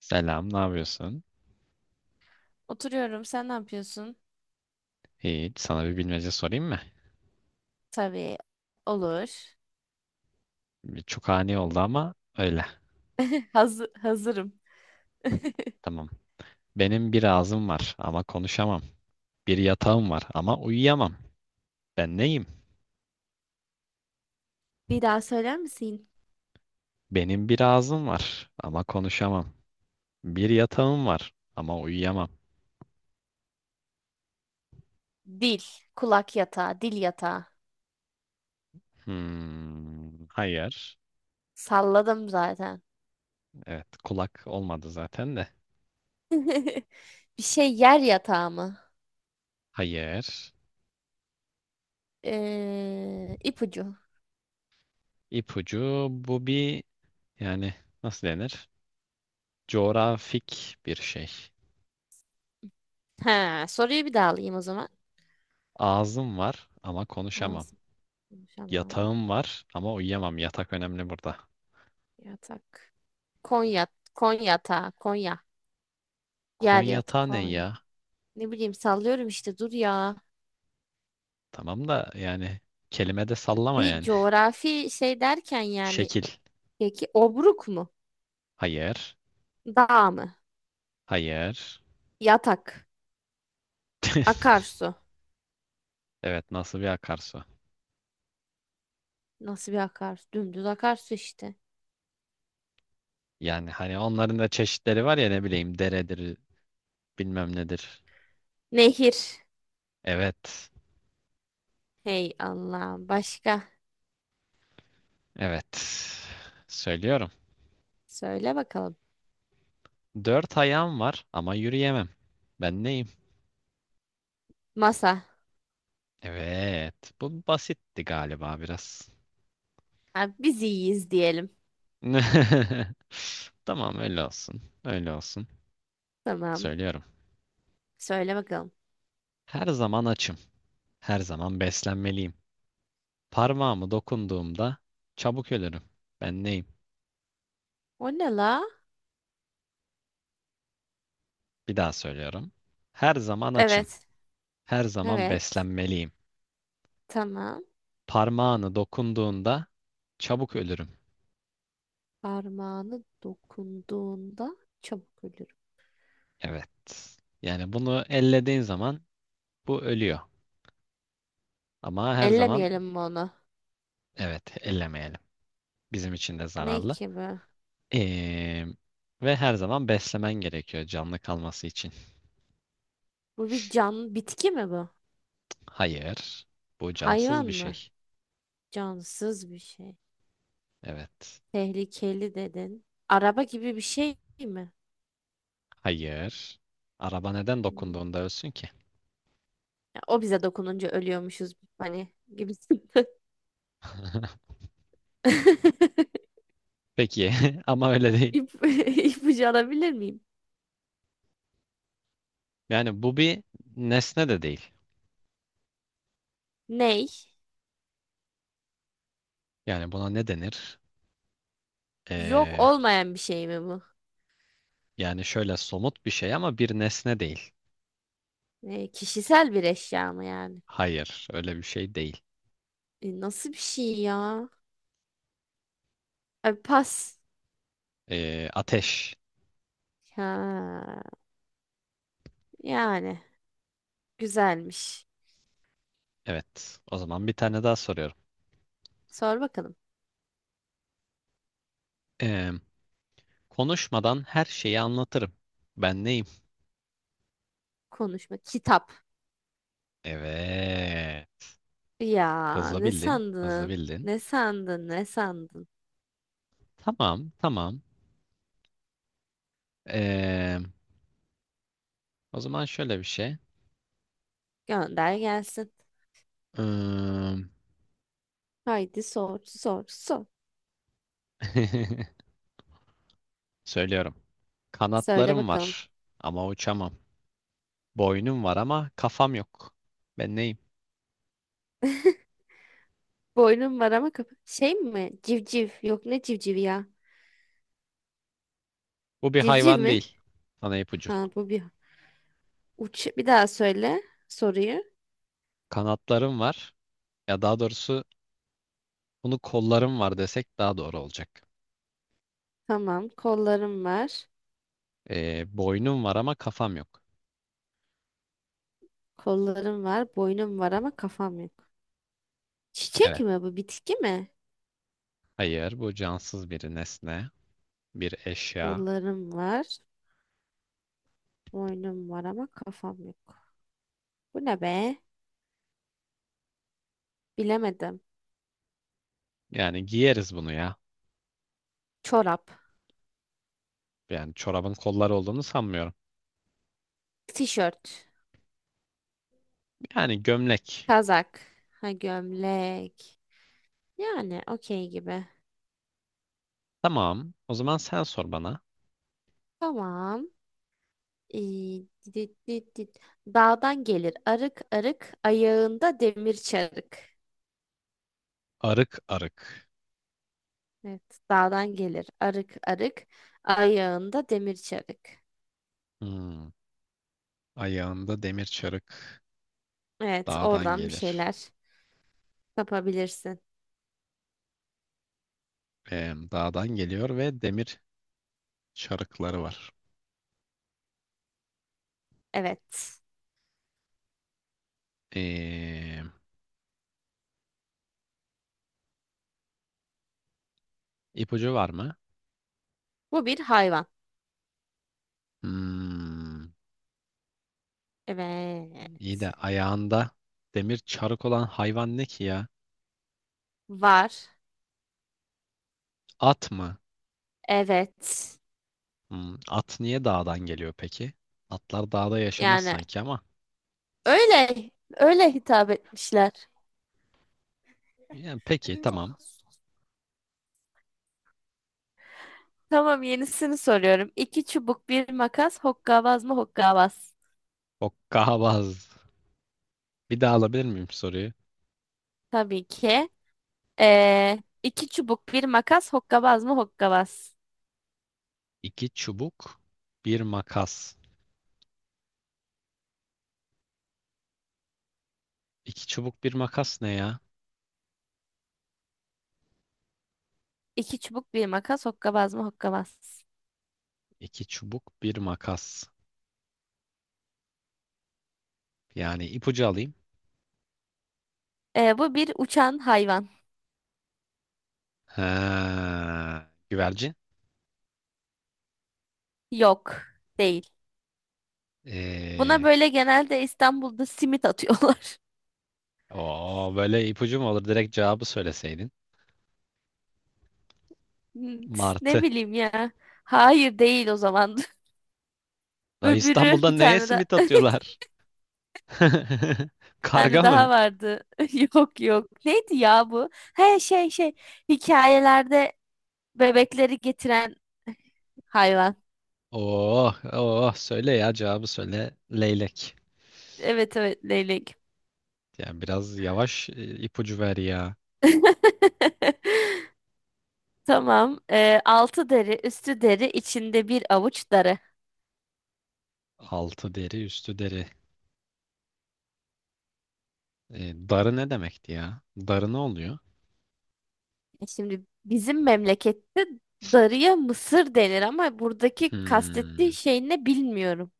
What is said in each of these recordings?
Selam, ne yapıyorsun? Oturuyorum. Sen ne yapıyorsun? Hiç, sana bir bilmece sorayım mı? Tabii. Olur. Bir Çok ani oldu ama öyle. Hazır, hazırım. Tamam. Benim bir ağzım var ama konuşamam. Bir yatağım var ama uyuyamam. Ben neyim? Bir daha söyler misin? Benim bir ağzım var ama konuşamam. Bir yatağım var ama uyuyamam. Dil. Kulak yatağı. Dil yatağı. Hmm, hayır. Salladım zaten. Evet, kulak olmadı zaten de. Bir şey yer yatağı mı? Hayır. İpucu. İpucu bu bir yani nasıl denir? Coğrafik bir şey. Ha, soruyu bir daha alayım o zaman. Ağzım var ama konuşamam. Ağzım konuşamam. Yatağım var ama uyuyamam. Yatak önemli burada. Yatak. Konya. Konyatağı. Konya. Yer Koyun yatağı. yatağı ne Konya. ya? Ne bileyim sallıyorum işte dur ya. Tamam da kelime de sallama Bir yani. coğrafi şey derken yani Şekil. peki obruk mu? Hayır. Dağ mı? Hayır. Yatak. Akarsu. Evet, nasıl bir akarsu? Nasıl bir akarsu? Dümdüz akarsu işte. Yani hani onların da çeşitleri var ya, ne bileyim, deredir bilmem nedir. Nehir. Evet. Hey Allah'ım. Başka? Evet. Söylüyorum. Söyle bakalım. Dört ayağım var ama yürüyemem. Ben neyim? Masa. Evet. Bu basitti galiba biraz. Ha, biz iyiyiz diyelim. Tamam, öyle olsun. Öyle olsun. Tamam. Söylüyorum. Söyle bakalım. Her zaman açım. Her zaman beslenmeliyim. Parmağımı dokunduğumda çabuk ölürüm. Ben neyim? O ne la? Bir daha söylüyorum. Her zaman açım. Evet. Her zaman Evet. beslenmeliyim. Tamam. Parmağını dokunduğunda çabuk ölürüm. Parmağını dokunduğunda çabuk ölür. Evet. Yani bunu ellediğin zaman bu ölüyor. Ama her zaman Ellemeyelim mi onu? evet, ellemeyelim. Bizim için de Ne zararlı. ki bu? Ee, ve her zaman beslemen gerekiyor canlı kalması için. Bu bir can, bitki mi bu? Hayır. Bu cansız Hayvan bir mı? şey. Cansız bir şey. Evet. Tehlikeli dedin. Araba gibi bir şey mi? Hayır. Araba neden Hmm. dokunduğunda ölsün ki? Ya, o bize dokununca ölüyormuşuz hani gibisinden. Peki ama öyle değil. İp, ipucu alabilir miyim? Yani bu bir nesne de değil. Ney? Yani buna ne denir? Yok Ee, olmayan bir şey mi bu? yani şöyle somut bir şey ama bir nesne değil. Ne, kişisel bir eşya mı yani? Hayır, öyle bir şey değil. E, nasıl bir şey ya? Abi pas. Ateş. Ha, yani güzelmiş. Evet. O zaman bir tane daha soruyorum. Sor bakalım. Ee, konuşmadan her şeyi anlatırım. Ben neyim? Konuşma. Kitap. Evet. Ya Hızlı ne bildin. Hızlı sandın? bildin. Ne sandın? Ne sandın? Tamam, tamam. Ee, o zaman şöyle bir şey. Gönder gelsin. Im, Haydi sor, sor, sor. Söylüyorum. Söyle Kanatlarım bakalım. var ama uçamam. Boynum var ama kafam yok. Ben neyim? Boynum var ama kapı. Şey mi? Civciv. Yok ne civcivi ya? Bu bir Civciv hayvan mi? değil. Sana ipucu. Ha bu bir. Uç. Bir daha söyle soruyu. Kanatlarım var. Ya daha doğrusu bunu kollarım var desek daha doğru olacak. Tamam. Kollarım var. Boynum var ama kafam yok. Kollarım var. Boynum var ama kafam yok. Çiçek Evet. mi bu? Bitki mi? Hayır, bu cansız bir nesne, bir eşya. Kollarım var. Boynum var ama kafam yok. Bu ne be? Bilemedim. Yani giyeriz bunu ya. Çorap. Yani çorabın kolları olduğunu sanmıyorum. Tişört. Yani gömlek. Kazak. Ha gömlek. Yani okey gibi. Tamam. O zaman sen sor bana. Tamam. İyi, dit, dit, dit. Dağdan gelir arık arık, ayağında demir çarık. Arık arık. Evet, dağdan gelir arık arık, ayağında demir çarık. Hmm. Ayağında demir çarık, Evet, dağdan oradan bir gelir. şeyler yapabilirsin. Dağdan geliyor ve demir çarıkları var. Evet, Ee, ipucu var mı? bu bir hayvan. Hmm. Evet, İyi de ayağında demir çarık olan hayvan ne ki ya? var. At mı? Evet, Hmm, at niye dağdan geliyor peki? Atlar dağda yaşamaz yani sanki ama. öyle, öyle hitap etmişler. Yani peki tamam. Tamam, yenisini soruyorum. İki çubuk bir makas, hokkabaz mı hokkabaz? Hokkabaz. Bir daha alabilir miyim soruyu? Tabii ki. Ee, iki çubuk bir makas hokkabaz mı hokkabaz? İki çubuk, bir makas. İki çubuk, bir makas ne ya? İki çubuk bir makas hokkabaz mı hokkabaz? İki çubuk, bir makas. Yani ipucu alayım. Bu bir uçan hayvan. Ha, güvercin. Yok değil. Buna Ee, böyle genelde İstanbul'da simit atıyorlar. o böyle ipucu mu olur? Direkt cevabı söyleseydin. Ne Martı. bileyim ya. Hayır değil o zaman. Da Öbürü İstanbul'da bir neye tane de simit bir atıyorlar? tane Karga daha mı? vardı. Yok yok. Neydi ya bu? He şey şey hikayelerde bebekleri getiren hayvan. Oh, oh, söyle ya, cevabı söyle. Leylek. Evet evet leylek. Yani biraz yavaş ipucu ver ya. Tamam. Altı deri, üstü deri, içinde bir avuç darı. Altı deri, üstü deri. E, darı ne demekti ya? Darı ne oluyor? E şimdi bizim memlekette darıya mısır denir ama buradaki kastettiği Hmm. şey ne bilmiyorum.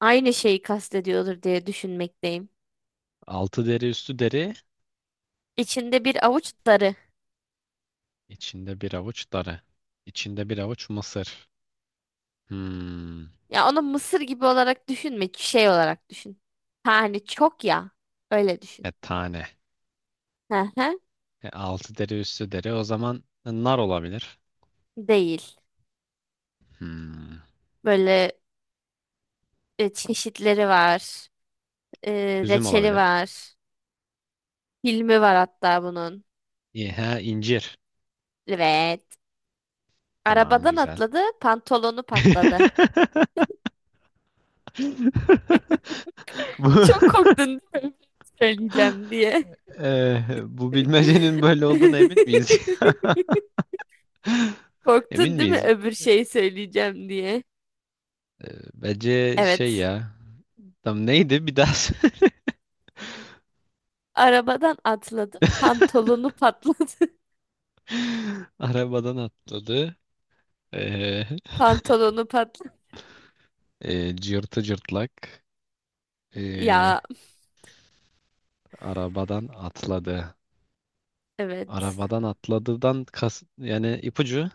Aynı şeyi kastediyordur diye düşünmekteyim. Altı deri, üstü deri. İçinde bir avuç darı. İçinde bir avuç darı. İçinde bir avuç mısır. Hmm. Ya onu mısır gibi olarak düşünme, şey olarak düşün. Ha, hani çok ya. Öyle düşün. E tane. Hı hı. Altı deri, üstü deri. O zaman nar olabilir. Değil. Hmm. Böyle çeşitleri var. E, Üzüm reçeli olabilir. var. Filmi var hatta bunun. İyi, he, incir. Evet. Tamam, Arabadan güzel. atladı, pantolonu patladı. Bu, Çok korktun değil mi? Söyleyeceğim diye. Bu bilmecenin böyle olduğuna emin miyiz? Emin Korktun değil mi? miyiz? Öbür şeyi söyleyeceğim diye. Bence şey Evet. ya. Tam neydi bir daha? Arabadan atladı, pantolonu patladı. Arabadan atladı. E, Pantolonu patladı. Cırtı cırtlak e, Ya arabadan atladı. evet. Arabadan atladıdan kas, yani ipucu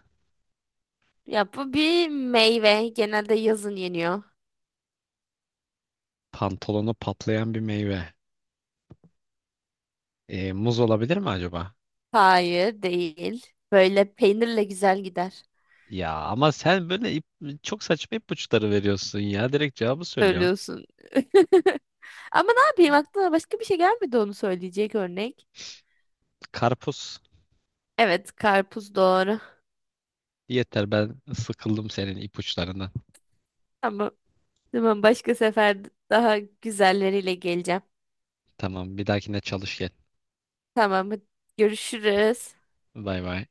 Ya bu bir meyve. Genelde yazın yeniyor. pantolonu patlayan bir meyve. Muz olabilir mi acaba? Hayır, değil. Böyle peynirle güzel gider. Ya ama sen böyle çok saçma ipuçları veriyorsun ya. Direkt cevabı söylüyorsun. Söylüyorsun. Ama ne yapayım aklıma başka bir şey gelmedi onu söyleyecek örnek. Karpuz. Evet, karpuz doğru. Yeter, ben sıkıldım senin ipuçlarından. Ama tamam başka sefer daha güzelleriyle geleceğim. Tamam, bir dahakine çalış gel. Tamam, hadi görüşürüz. Bay bay.